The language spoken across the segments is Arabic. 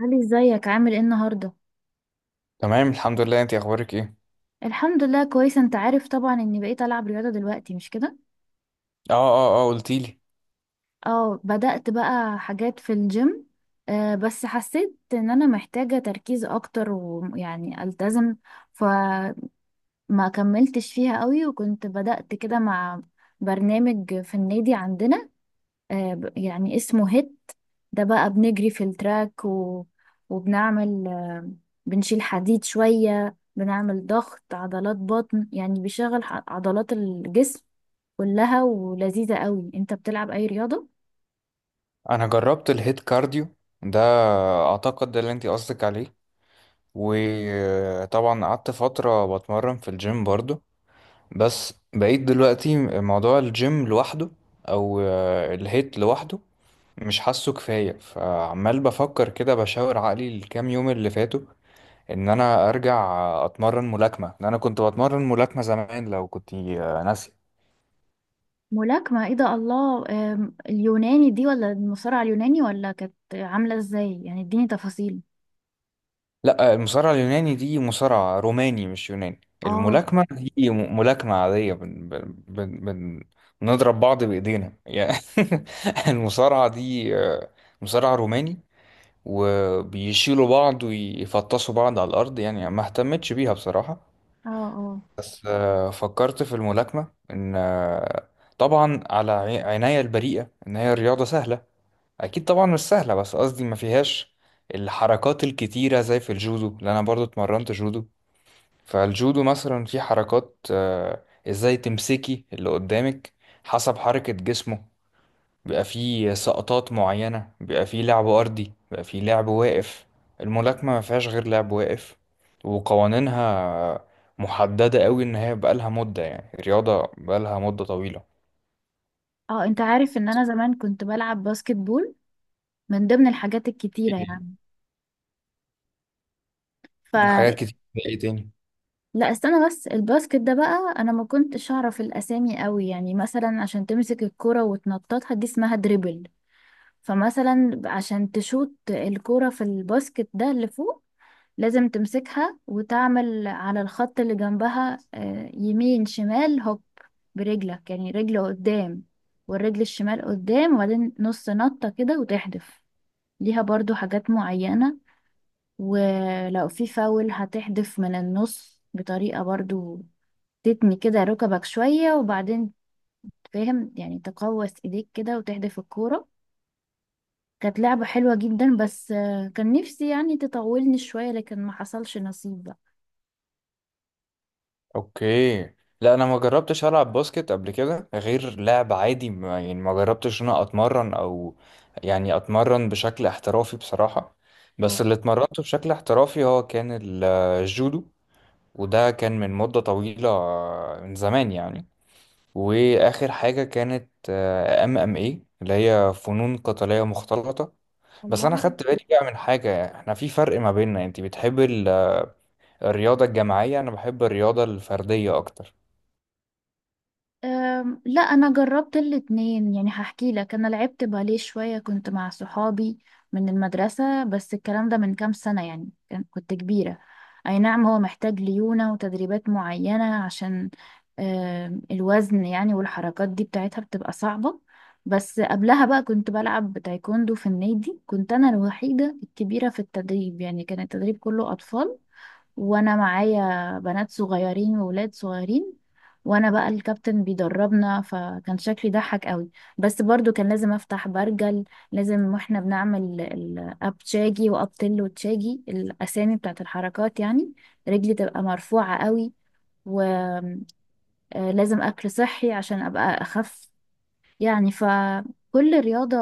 علي، ازيك؟ عامل ايه النهارده؟ تمام الحمد لله، انت اخبارك ايه؟ الحمد لله، كويسه. انت عارف طبعا اني بقيت العب رياضه دلوقتي، مش كده؟ اه اه اه قلتيلي. اه، بدأت بقى حاجات في الجيم. آه بس حسيت ان انا محتاجه تركيز اكتر ويعني التزم. فما كملتش فيها قوي، وكنت بدأت كده مع برنامج في النادي عندنا. آه، يعني اسمه هيت. ده بقى بنجري في التراك و... وبنعمل، بنشيل حديد شوية، بنعمل ضغط عضلات بطن. يعني بيشغل عضلات الجسم كلها، ولذيذة قوي. انت بتلعب اي رياضة؟ انا جربت الهيت كارديو ده، اعتقد ده اللي انت قصدك عليه. وطبعا قعدت فترة بتمرن في الجيم برضو، بس بقيت دلوقتي موضوع الجيم لوحده، او الهيت لوحده، مش حاسه كفاية. فعمال بفكر كده، بشاور عقلي الكام يوم اللي فاتوا، ان انا ارجع اتمرن ملاكمة، لأن انا كنت بتمرن ملاكمة زمان، لو كنت ناسي. ملاكمة؟ ايه ده، الله! اليوناني دي، ولا المصارعة اليوناني، ولا كانت عاملة ازاي؟ يعني اديني تفاصيل. لا، المصارعة اليوناني دي مصارعة روماني، مش يوناني. اه، الملاكمة دي ملاكمة عادية. بن بن بن بن بنضرب بعض بإيدينا يعني. المصارعة دي، مصارعة روماني، وبيشيلوا بعض ويفطسوا بعض على الأرض، يعني ما اهتمتش بيها بصراحة. اه، اه. بس فكرت في الملاكمة إن، طبعا على عناية البريئة، إن هي رياضة سهلة. اكيد طبعا مش سهله، بس قصدي ما فيهاش الحركات الكتيره زي في الجودو، لان انا برضو اتمرنت جودو. فالجودو مثلا في حركات، ازاي تمسكي اللي قدامك حسب حركه جسمه. بيبقى فيه سقطات معينه، بيبقى فيه لعب ارضي، بيبقى فيه لعب واقف. الملاكمه ما فيهاش غير لعب واقف، وقوانينها محدده قوي، ان هي بقالها مده، يعني رياضه بقالها مده طويله. اه، انت عارف ان انا زمان كنت بلعب باسكت بول، من ضمن الحاجات الكتيرة. إيه، حاجات يعني. كتير. ايه تاني؟ لا، استنى بس. الباسكت ده بقى انا ما كنتش اعرف الاسامي قوي، يعني مثلا عشان تمسك الكرة وتنططها، دي اسمها دريبل. فمثلا عشان تشوت الكرة في الباسكت ده اللي فوق، لازم تمسكها وتعمل على الخط اللي جنبها، يمين شمال هوب برجلك، يعني رجل قدام والرجل الشمال قدام، وبعدين نص نطة كده وتحدف. ليها برضو حاجات معينة. ولو في فاول، هتحدف من النص بطريقة برضو تتني كده ركبك شوية، وبعدين، فاهم؟ يعني تقوس ايديك كده وتحدف الكورة. كانت لعبة حلوة جدا، بس كان نفسي يعني تطولني شوية، لكن ما حصلش نصيب بقى. اوكي. لا، انا ما جربتش العب باسكت قبل كده غير لعب عادي. ما يعني ما جربتش ان انا اتمرن، او يعني اتمرن بشكل احترافي بصراحة. آه، بس اللي اتمرنته بشكل احترافي هو كان الجودو. وده كان من مدة طويلة، من زمان يعني. واخر حاجة كانت، MMA، اللي هي فنون قتالية مختلطة. بس انا والله. خدت بالي بقى من حاجة، احنا في فرق ما بيننا، انت بتحب الرياضة الجماعية، انا بحب الرياضة الفردية اكتر. لا، انا جربت الاتنين. يعني هحكي لك، انا لعبت باليه شوية كنت مع صحابي من المدرسة، بس الكلام ده من كام سنة يعني، كنت كبيرة. اي نعم، هو محتاج ليونة وتدريبات معينة عشان الوزن يعني، والحركات دي بتاعتها بتبقى صعبة. بس قبلها بقى كنت بلعب تايكوندو في النادي. كنت انا الوحيدة الكبيرة في التدريب، يعني كان التدريب كله اطفال، وانا معايا بنات صغيرين وولاد صغيرين، وانا بقى الكابتن بيدربنا، فكان شكلي ضحك قوي. بس برضو كان لازم افتح برجل. لازم، واحنا بنعمل الاب تشاجي واب تل وتشاجي، الاسامي بتاعت الحركات يعني، رجلي تبقى مرفوعة قوي. ولازم اكل صحي عشان ابقى اخف، يعني. فكل رياضة،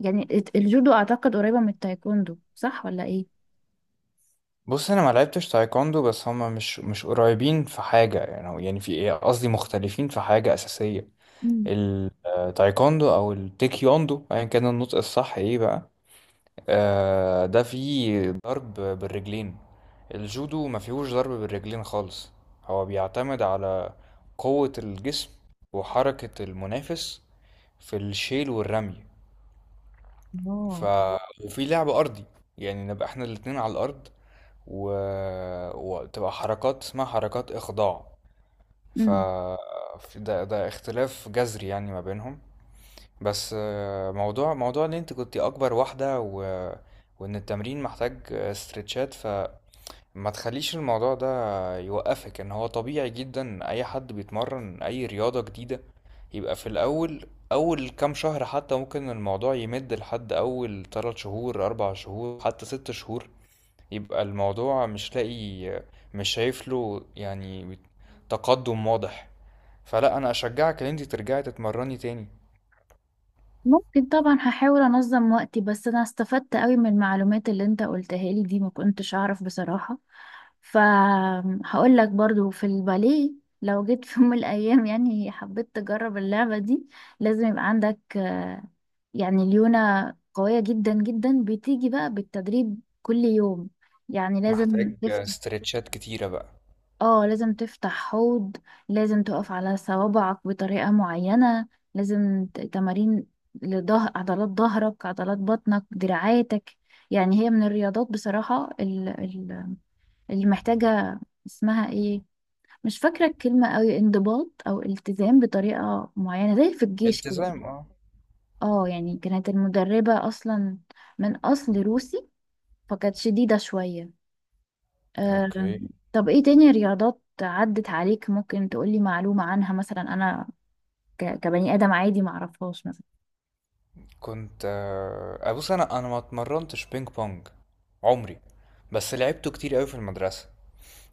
يعني، الجودو اعتقد قريبة من التايكوندو، صح ولا ايه؟ بص، انا ما لعبتش تايكوندو، بس هما مش قريبين في حاجه. يعني في ايه، قصدي مختلفين في حاجه اساسيه. مم. التايكوندو او التيكيوندو، ايا كان النطق الصح ايه بقى. آه، ده فيه ضرب بالرجلين. الجودو ما فيهوش ضرب بالرجلين خالص. هو بيعتمد على قوه الجسم وحركه المنافس في الشيل والرمي. ف اه. وفي لعب ارضي، يعني نبقى احنا الاتنين على الارض، و... وتبقى حركات اسمها حركات إخضاع. ف مم. ده اختلاف جذري يعني ما بينهم. بس موضوع ان انت كنت اكبر واحدة، وان التمرين محتاج استرتشات. ما تخليش الموضوع ده يوقفك، ان هو طبيعي جدا اي حد بيتمرن اي رياضة جديدة يبقى في الاول، اول كام شهر، حتى ممكن الموضوع يمد لحد اول 3 شهور، 4 شهور، حتى 6 شهور يبقى الموضوع مش لاقي، مش شايف له يعني تقدم واضح. فلا، انا اشجعك ان انت ترجعي تتمرني تاني. ممكن، طبعا هحاول انظم وقتي. بس انا استفدت قوي من المعلومات اللي انت قلتها لي دي، ما كنتش اعرف بصراحة. فهقول لك برضو في الباليه، لو جيت في يوم من الايام يعني حبيت تجرب اللعبة دي، لازم يبقى عندك، يعني، ليونة قوية جدا جدا، بتيجي بقى بالتدريب كل يوم. يعني لازم محتاج تفت. استرتشات كتيرة بقى. اه، لازم تفتح حوض، لازم تقف على صوابعك بطريقة معينة، لازم تمارين لظهر، عضلات ظهرك، عضلات بطنك، دراعاتك. يعني هي من الرياضات بصراحة، اللي محتاجة، اسمها ايه، مش فاكرة الكلمة قوي، انضباط او التزام بطريقة معينة، زي في الجيش كده. التزام، اه. اه، يعني كانت المدربة اصلا من اصل روسي، فكانت شديدة شوية. اوكي. آم، طب ايه تاني رياضات عدت عليك ممكن تقولي معلومة عنها؟ مثلا انا، كبني ادم عادي، معرفهاش مثلا. كنت، بص، انا ما اتمرنتش بينج بونج عمري، بس لعبته كتير قوي في المدرسه.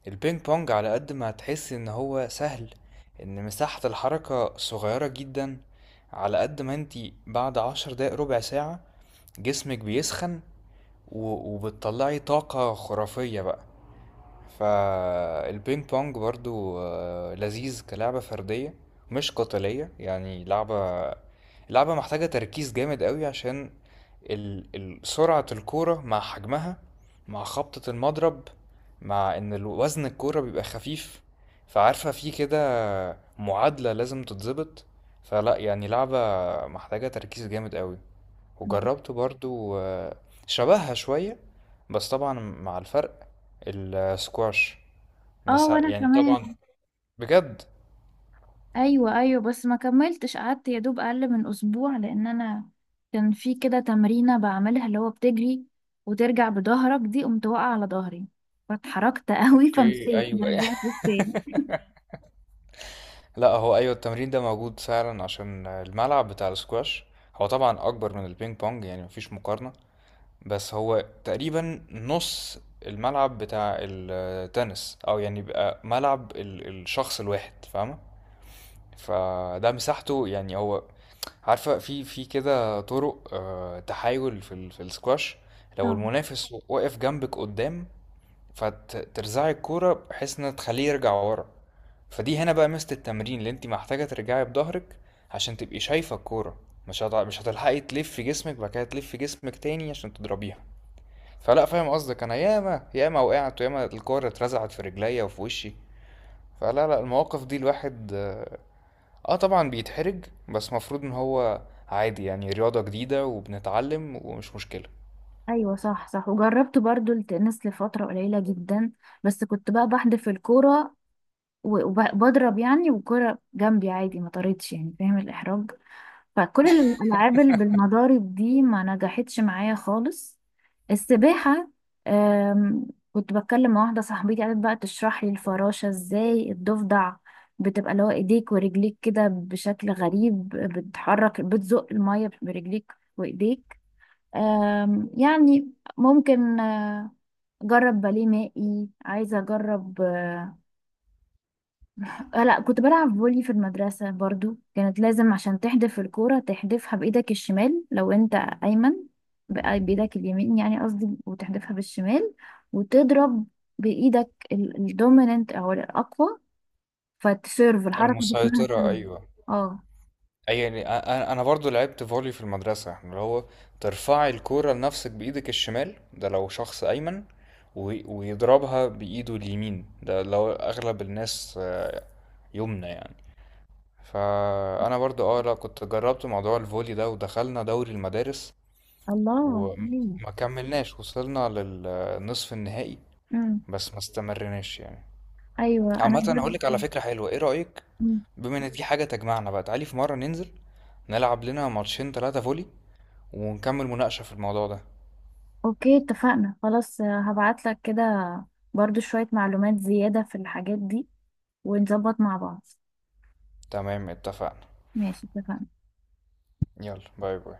البينج بونج، على قد ما هتحس ان هو سهل، ان مساحه الحركه صغيره جدا، على قد ما انتي بعد 10 دقايق، ربع ساعه، جسمك بيسخن، وبتطلعي طاقه خرافيه بقى. فالبينج بونج برضو، لذيذ كلعبة فردية، مش قتالية، يعني لعبة، محتاجة تركيز جامد قوي، عشان سرعة الكورة مع حجمها، مع خبطة المضرب، مع ان وزن الكورة بيبقى خفيف، فعارفة في كده معادلة لازم تتظبط. فلا، يعني لعبة محتاجة تركيز جامد قوي. وجربت برضو، شبهها شوية، بس طبعا مع الفرق، السكواش. اه، وانا يعني كمان. طبعا، بجد. ايوه، ايوه، بس ما كملتش. قعدت يا دوب اقل من اسبوع، لان انا كان في كده تمرينه بعملها اللي هو بتجري وترجع بظهرك، دي قمت واقعه على ظهري، فاتحركت قوي، اوكي، فمشيت ما ايوه. رجعتش تاني. لا، هو ايوه، التمرين ده موجود فعلا. عشان الملعب بتاع السكواش هو طبعا اكبر من البينج بونج، يعني مفيش مقارنة. بس هو تقريبا نص الملعب بتاع التنس، او يعني بقى ملعب الشخص الواحد، فاهمة. فده مساحته يعني. هو، عارفة، في كده طرق، تحايل في في السكواش. لو اه، المنافس واقف جنبك قدام، فترزعي الكورة بحيث انها تخليه يرجع ورا. فدي هنا بقى ميزة التمرين، اللي انت محتاجة ترجعي بظهرك عشان تبقي شايفة الكورة. مش هتلحقي تلفي جسمك بعد كده، تلفي جسمك تاني عشان تضربيها. فلا، فاهم قصدك. انا ياما ياما وقعت، وياما الكورة اترزعت في رجليا وفي وشي. فلا لا، المواقف دي الواحد اه طبعا بيتحرج، بس مفروض ان هو عادي، يعني رياضة جديدة وبنتعلم ومش مشكلة. ايوه. صح، صح. وجربت برضو التنس لفترة قليلة جدا، بس كنت بقى بحدف الكورة وبضرب يعني، والكرة جنبي عادي ما طارتش. يعني فاهم الإحراج. فكل الألعاب اللي بالمضارب دي ما نجحتش معايا خالص. السباحة. أم، كنت بتكلم مع واحدة صاحبتي، قالت بقى تشرح لي الفراشة ازاي، الضفدع بتبقى اللي هو ايديك ورجليك كده بشكل غريب، بتحرك بتزق المية برجليك وايديك. يعني، ممكن اجرب باليه مائي. عايزة اجرب. آه، لا، كنت بلعب فولي في المدرسة برضو. كانت لازم عشان تحدف الكورة تحدفها بإيدك الشمال لو أنت أيمن، بقى بإيدك اليمين يعني قصدي، وتحدفها بالشمال، وتضرب بإيدك الدوميننت أو الأقوى، فتسيرف، الحركة دي اسمها المسيطرة، سيرف. ايوه. اه، اي يعني، انا برضو لعبت فولي في المدرسة. احنا اللي هو ترفعي الكورة لنفسك بايدك الشمال، ده لو شخص ايمن، ويضربها بايده اليمين، ده لو اغلب الناس يمنى يعني. فانا برضو اه، لا كنت جربت موضوع الفولي ده، ودخلنا دوري المدارس الله. أيوة. وما كملناش، وصلنا للنصف النهائي امم. بس ما استمرناش يعني. أيوة، أنا عامة، بجد. اقول لك على فكرة حلوة، ايه رأيك، أمم. بما ان دي حاجة تجمعنا بقى، تعالي في مرة ننزل نلعب لنا ماتشين تلاتة فولي، ونكمل مناقشة في الموضوع ده. أوكي، اتفقنا. خلاص هبعتلك كده برضو شوية معلومات زيادة في الحاجات دي، ونظبط مع بعض. تمام، اتفقنا. ماشي، اتفقنا. يلا، باي باي.